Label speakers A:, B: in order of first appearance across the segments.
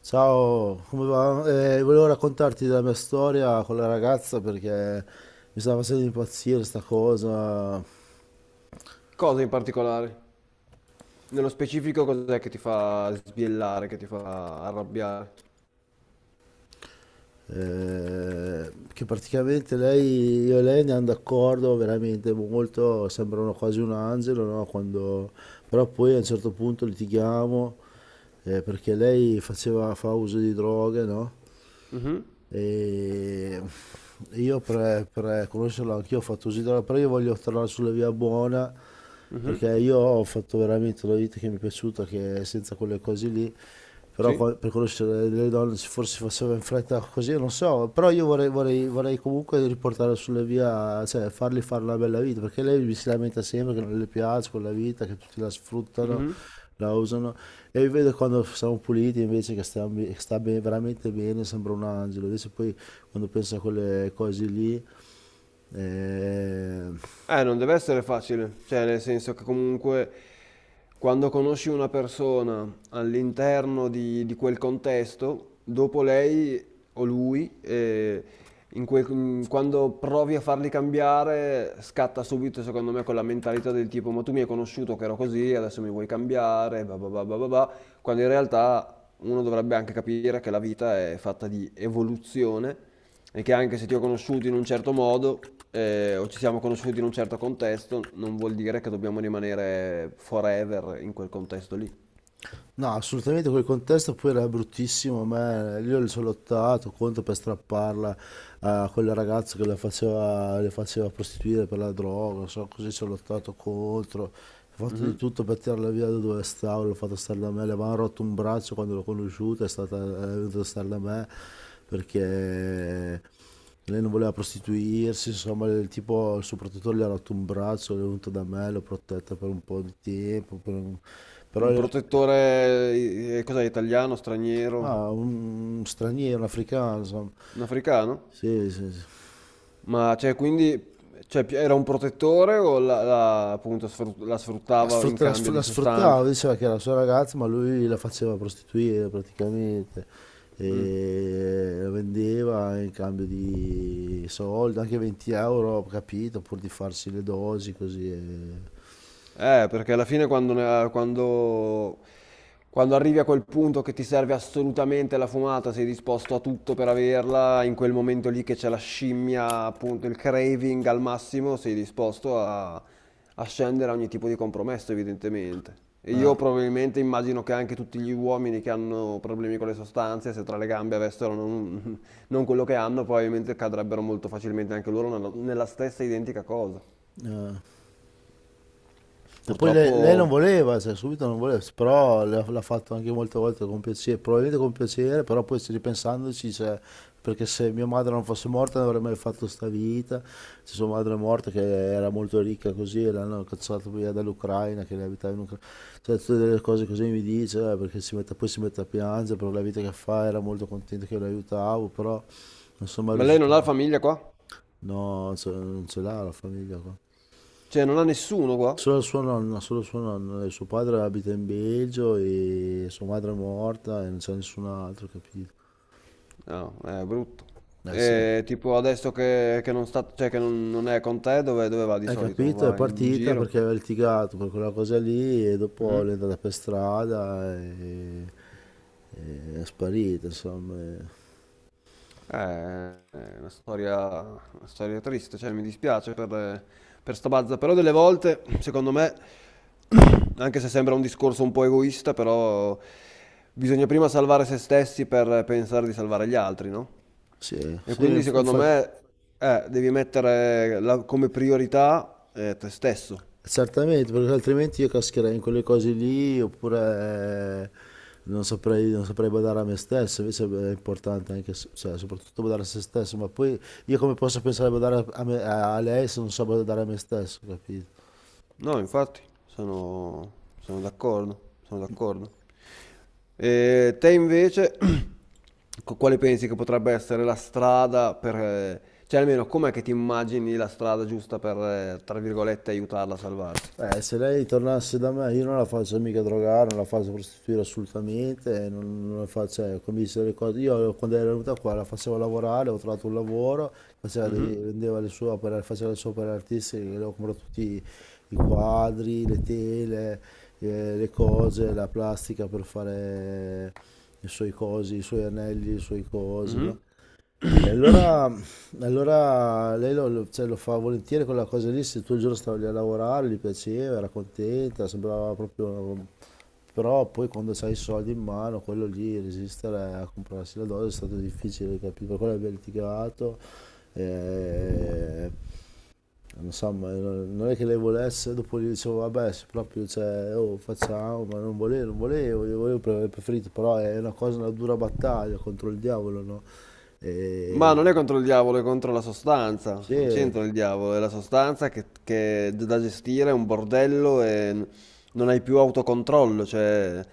A: Ciao, come va? Volevo raccontarti della mia storia con la ragazza perché mi stava facendo impazzire sta cosa,
B: Cosa in particolare? Nello specifico cos'è che ti fa sbiellare, che ti fa arrabbiare?
A: che praticamente io e lei andiamo d'accordo veramente molto, sembrano quasi un angelo, no? Però poi a un certo punto litighiamo, perché lei faceva, fa uso di droghe, no?
B: Mhm.
A: E io per conoscerlo anch'io ho fatto così, no, però io voglio tornare sulla via buona
B: Mhm.
A: perché io ho fatto veramente una vita che mi è piaciuta, che è senza quelle cose lì, però
B: Sì?
A: per conoscere le donne se forse faceva in fretta così, non so, però io vorrei comunque riportare sulla via, cioè fargli fare una bella vita, perché lei mi si lamenta sempre che non le piace quella vita, che tutti la sfruttano,
B: Mhm.
A: la usano, e vi vedo quando siamo puliti invece che stiamo be- sta be- veramente bene, sembra un angelo. Invece poi quando penso a quelle cose lì, eh,
B: Non deve essere facile, cioè nel senso che comunque quando conosci una persona all'interno di quel contesto, dopo lei o lui, quando provi a farli cambiare, scatta subito secondo me quella mentalità del tipo ma tu mi hai conosciuto che ero così, adesso mi vuoi cambiare, bah bah bah bah bah bah, quando in realtà uno dovrebbe anche capire che la vita è fatta di evoluzione e che anche se ti ho conosciuto in un certo modo o ci siamo conosciuti in un certo contesto, non vuol dire che dobbiamo rimanere forever in quel contesto lì.
A: No, assolutamente quel contesto poi era bruttissimo, ma io le sono lottato contro per strapparla a quel ragazzo che la faceva, le faceva prostituire per la droga, so, così ci ho lottato contro, ho fatto di
B: Mhm.
A: tutto per tirarla via da dove stavo, l'ho fatto stare da me, le avevano rotto un braccio quando l'ho conosciuta, è stata, è venuta a stare da me perché lei non voleva prostituirsi, insomma, il tipo, il suo protettore le ha rotto un braccio, è venuto da me, l'ho protetta per un po' di tempo, per un- però...
B: Un
A: lei-
B: protettore, cos'è, italiano, straniero,
A: Ah, un straniero, un africano, insomma.
B: un africano?
A: Sì, sì, sì.
B: Ma cioè, quindi cioè, era un protettore o appunto la sfruttava in cambio di
A: La
B: sostanze?
A: sfruttava, diceva che era la sua ragazza, ma lui la faceva prostituire praticamente
B: Mm.
A: e la vendeva in cambio di soldi, anche 20 euro, ho capito, pur di farsi le dosi così.
B: Perché alla fine quando arrivi a quel punto che ti serve assolutamente la fumata, sei disposto a tutto per averla, in quel momento lì che c'è la scimmia, appunto il craving al massimo, sei disposto a, a scendere a ogni tipo di compromesso, evidentemente. E io
A: eh,
B: probabilmente immagino che anche tutti gli uomini che hanno problemi con le sostanze, se tra le gambe avessero non, non quello che hanno, probabilmente cadrebbero molto facilmente anche loro nella stessa identica cosa.
A: E poi lei non
B: Purtroppo.
A: voleva, cioè, subito non voleva, però l'ha fatto anche molte volte con piacere, probabilmente con piacere, però poi ci ripensandoci, cioè, perché se mia madre non fosse morta non avrei mai fatto sta vita, se sua madre è morta che era molto ricca così, e l'hanno cacciata via dall'Ucraina, che lei abitava in Ucraina, cioè tutte delle cose così mi dice, perché poi si mette a piangere per la vita che fa, era molto contento che lo aiutavo, però non sono mai
B: Ma lei non ha la
A: riuscito,
B: famiglia qua?
A: no, cioè, non ce l'ha la famiglia qua.
B: Cioè, non ha nessuno qua?
A: Solo sua nonna, solo suo nonno, e suo padre abita in Belgio e sua madre è morta e non c'è nessun altro, capito?
B: No, è brutto.
A: Eh sì,
B: E tipo adesso che non sta, cioè che non, non è con te, dove, dove va di
A: hai
B: solito?
A: capito? È
B: Va in
A: partita
B: giro?
A: perché aveva litigato per quella cosa lì e dopo è
B: Mhm.
A: andata per strada e è sparita, insomma.
B: È una storia triste, cioè mi dispiace per sta bazza, però delle volte, secondo me, anche se sembra un discorso un po' egoista, però bisogna prima salvare se stessi per pensare di salvare gli altri, no?
A: Sì,
B: E
A: sì,
B: quindi secondo
A: infatti.
B: me devi mettere come priorità te stesso.
A: Certamente, perché altrimenti io cascherei in quelle cose lì oppure, non saprei badare a me stesso, invece è importante anche, cioè, soprattutto badare a se stesso, ma poi io come posso pensare a badare a, a lei se non so badare a me stesso, capito?
B: No, infatti, sono, sono d'accordo, sono d'accordo. E te invece, quale pensi che potrebbe essere la strada per... cioè, almeno com'è che ti immagini la strada giusta per, tra virgolette, aiutarla a salvarsi?
A: Se lei tornasse da me, io non la faccio mica drogare, non la faccio prostituire assolutamente, non la faccio, cioè, come dice le cose. Io quando era venuta qua la facevo lavorare, ho trovato un lavoro,
B: Mhm.
A: vendeva le sue opere, faceva le sue opere artistiche, le ho comprato tutti i quadri, le tele, le cose, la plastica per fare i suoi cosi, i suoi anelli, i suoi cosi, no?
B: Mhm.
A: E allora, allora lei cioè, lo fa volentieri quella cosa lì, se tutto il giorno stava lì a lavorare, gli piaceva, era contenta, sembrava proprio... Però poi quando c'hai i soldi in mano, quello lì, resistere a comprarsi la dose è stato difficile, capito? Per quello abbiamo litigato, eh, insomma, non è che lei volesse, dopo gli dicevo, vabbè, se proprio, cioè, oh, facciamo, ma non volevo, non volevo, io volevo, avrei preferito, però è una cosa, una dura battaglia contro il diavolo, no?
B: Ma
A: E...
B: non è contro il diavolo, è contro la sostanza. Non
A: Sì,
B: c'entra il diavolo, è la sostanza che è da gestire, è un bordello e non hai più autocontrollo. Cioè,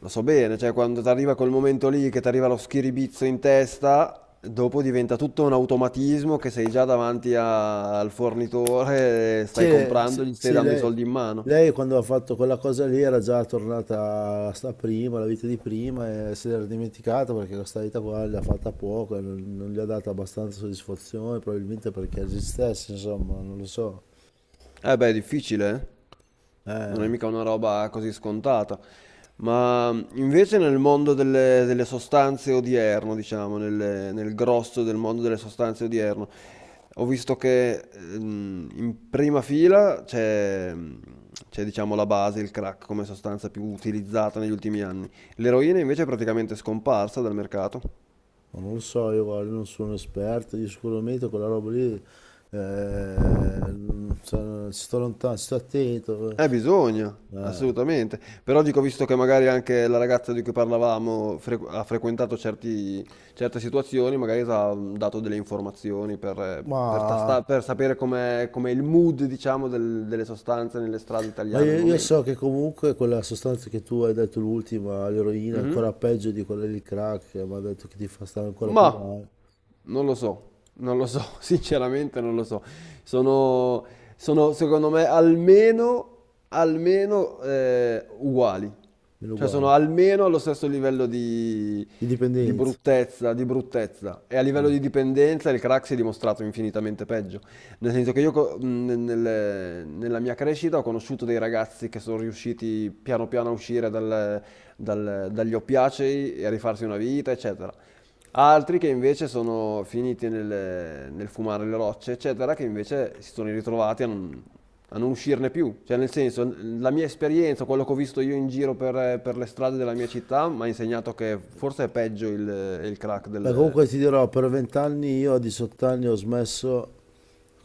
B: lo so bene, cioè, quando ti arriva quel momento lì che ti arriva lo schiribizzo in testa, dopo diventa tutto un automatismo che sei già davanti al fornitore, stai
A: sì,
B: comprando,
A: sì,
B: gli stai
A: sì,
B: dando i
A: lei,
B: soldi in mano.
A: lei quando ha fatto quella cosa lì era già tornata a sta prima, la vita di prima, e se l'era dimenticata perché questa vita qua l'ha fatta poco, e non gli ha dato abbastanza soddisfazione, probabilmente perché esistesse, insomma, non lo so.
B: Eh beh, è difficile, eh? Non è
A: Eh,
B: mica una roba così scontata. Ma invece nel mondo delle, delle sostanze odierno, diciamo, nel grosso del mondo delle sostanze odierno, ho visto che in prima fila c'è, c'è, diciamo, la base, il crack come sostanza più utilizzata negli ultimi anni. L'eroina invece è praticamente scomparsa dal mercato.
A: Ma non lo so, io guarda, non sono un esperto, io sicuramente quella roba lì, ci sto lontano, ci sto attento,
B: Bisogna,
A: eh,
B: assolutamente. Però dico, visto che magari anche la ragazza di cui parlavamo ha frequentato certe situazioni, magari ti ha dato delle informazioni per
A: ma,
B: per sapere com'è, com'è il mood, diciamo, delle sostanze nelle strade
A: ma
B: italiane al
A: io, io
B: momento.
A: so che comunque quella sostanza che tu hai detto l'ultima, l'eroina, è
B: Mhm.
A: ancora peggio di quella del crack, che mi ha detto che ti fa stare ancora più
B: Ma
A: male,
B: non lo so, non lo so, sinceramente non lo so. Sono, sono, secondo me almeno, almeno uguali.
A: meno
B: Cioè sono
A: uguale,
B: almeno allo stesso livello di
A: indipendenza.
B: bruttezza, di bruttezza. E a livello
A: Ah.
B: di dipendenza il crack si è dimostrato infinitamente peggio. Nel senso che io co- nel- nel- nella mia crescita ho conosciuto dei ragazzi che sono riusciti piano piano a uscire dagli oppiacei e a rifarsi una vita, eccetera. Altri che invece sono finiti nel fumare le rocce, eccetera, che invece si sono ritrovati a non uscirne più. Cioè, nel senso, la mia esperienza, quello che ho visto io in giro per le strade della mia città, mi ha insegnato che forse è peggio il crack
A: Beh,
B: del...
A: comunque ti dirò, per vent'anni io a 18 anni ho smesso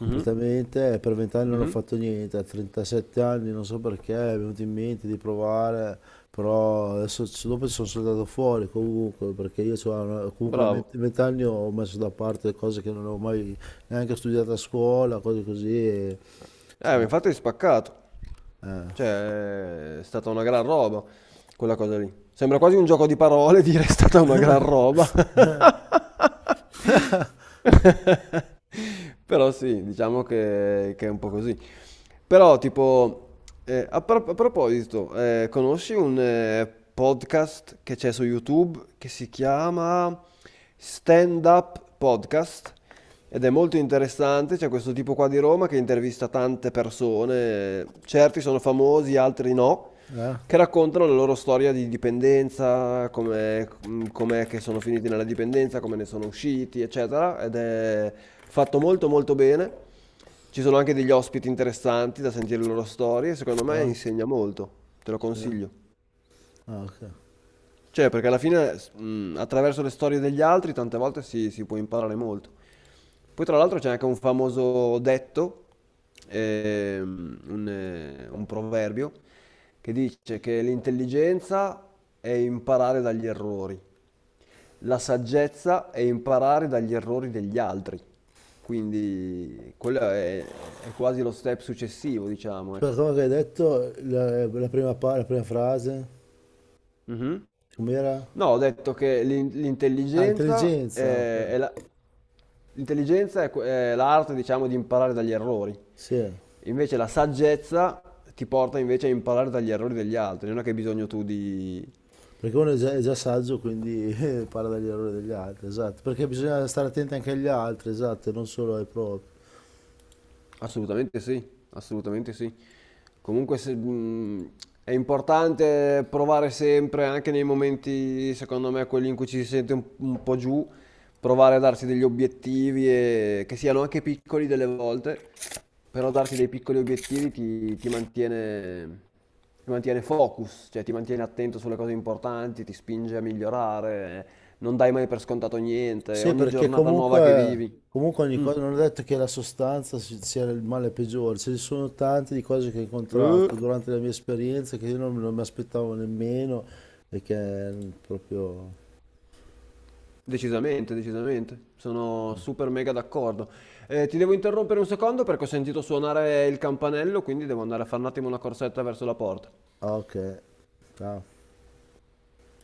B: Mhm.
A: e per vent'anni non ho
B: Mhm.
A: fatto niente, a 37 anni non so perché mi è venuto in mente di provare, però adesso dopo sono saltato fuori comunque, perché io c'ho comunque a
B: Bravo.
A: 20 vent'anni ho messo da parte cose che non avevo mai neanche studiato a scuola, cose così. cioè,
B: Ma infatti è spaccato.
A: eh.
B: Cioè, è stata una gran roba quella cosa lì. Sembra quasi un gioco di parole dire è stata una gran roba. Però sì, diciamo che è un po' così. Però, tipo, a proposito, conosci un podcast che c'è su YouTube che si chiama Stand Up Podcast? Ed è molto interessante, c'è questo tipo qua di Roma che intervista tante persone, certi sono famosi, altri no,
A: Eh?
B: che raccontano la loro storia di dipendenza, com'è, com'è che sono finiti nella dipendenza, come ne sono usciti, eccetera, ed è fatto molto molto bene. Ci sono anche degli ospiti interessanti da sentire le loro storie, secondo me
A: Ah,
B: insegna molto, te lo
A: sì.
B: consiglio.
A: Ah, ok.
B: Cioè, perché alla fine, attraverso le storie degli altri, tante volte si può imparare molto. Poi, tra l'altro, c'è anche un famoso detto, un proverbio, che dice che l'intelligenza è imparare dagli errori, la saggezza è imparare dagli errori degli altri. Quindi, quello è quasi lo step successivo, diciamo,
A: Aspetta,
B: ecco.
A: come che hai detto la prima, la prima frase?
B: Mhm.
A: Com'era?
B: No, ho detto che
A: Ah,
B: l'intelligenza
A: intelligenza, ok.
B: è l'intelligenza è l'arte, diciamo, di imparare dagli errori.
A: Sì,
B: Invece la saggezza ti porta invece a imparare dagli errori degli altri. Non è che hai bisogno tu di,
A: perché uno è già saggio, quindi parla dagli errori degli altri, esatto. Perché bisogna stare attenti anche agli altri, esatto, e non solo ai propri.
B: assolutamente sì, assolutamente sì. Comunque è importante provare sempre, anche nei momenti, secondo me, quelli in cui ci si sente un po' giù, provare a darsi degli obiettivi, che siano anche piccoli delle volte, però darsi dei piccoli obiettivi ti, ti mantiene focus, cioè ti mantiene attento sulle cose importanti, ti spinge a migliorare, non dai mai per scontato niente,
A: Sì,
B: ogni
A: perché
B: giornata nuova che
A: comunque,
B: vivi.
A: comunque ogni
B: Mm.
A: cosa, non è detto che la sostanza sia il male peggiore, ce ne sono tante di cose che ho
B: Eh?
A: incontrato durante la mia esperienza che io non mi aspettavo nemmeno, perché proprio...
B: Decisamente, decisamente, sono super mega d'accordo. Ti devo interrompere un secondo perché ho sentito suonare il campanello, quindi devo andare a fare un attimo una corsetta verso la porta.
A: Ah, ok, ciao.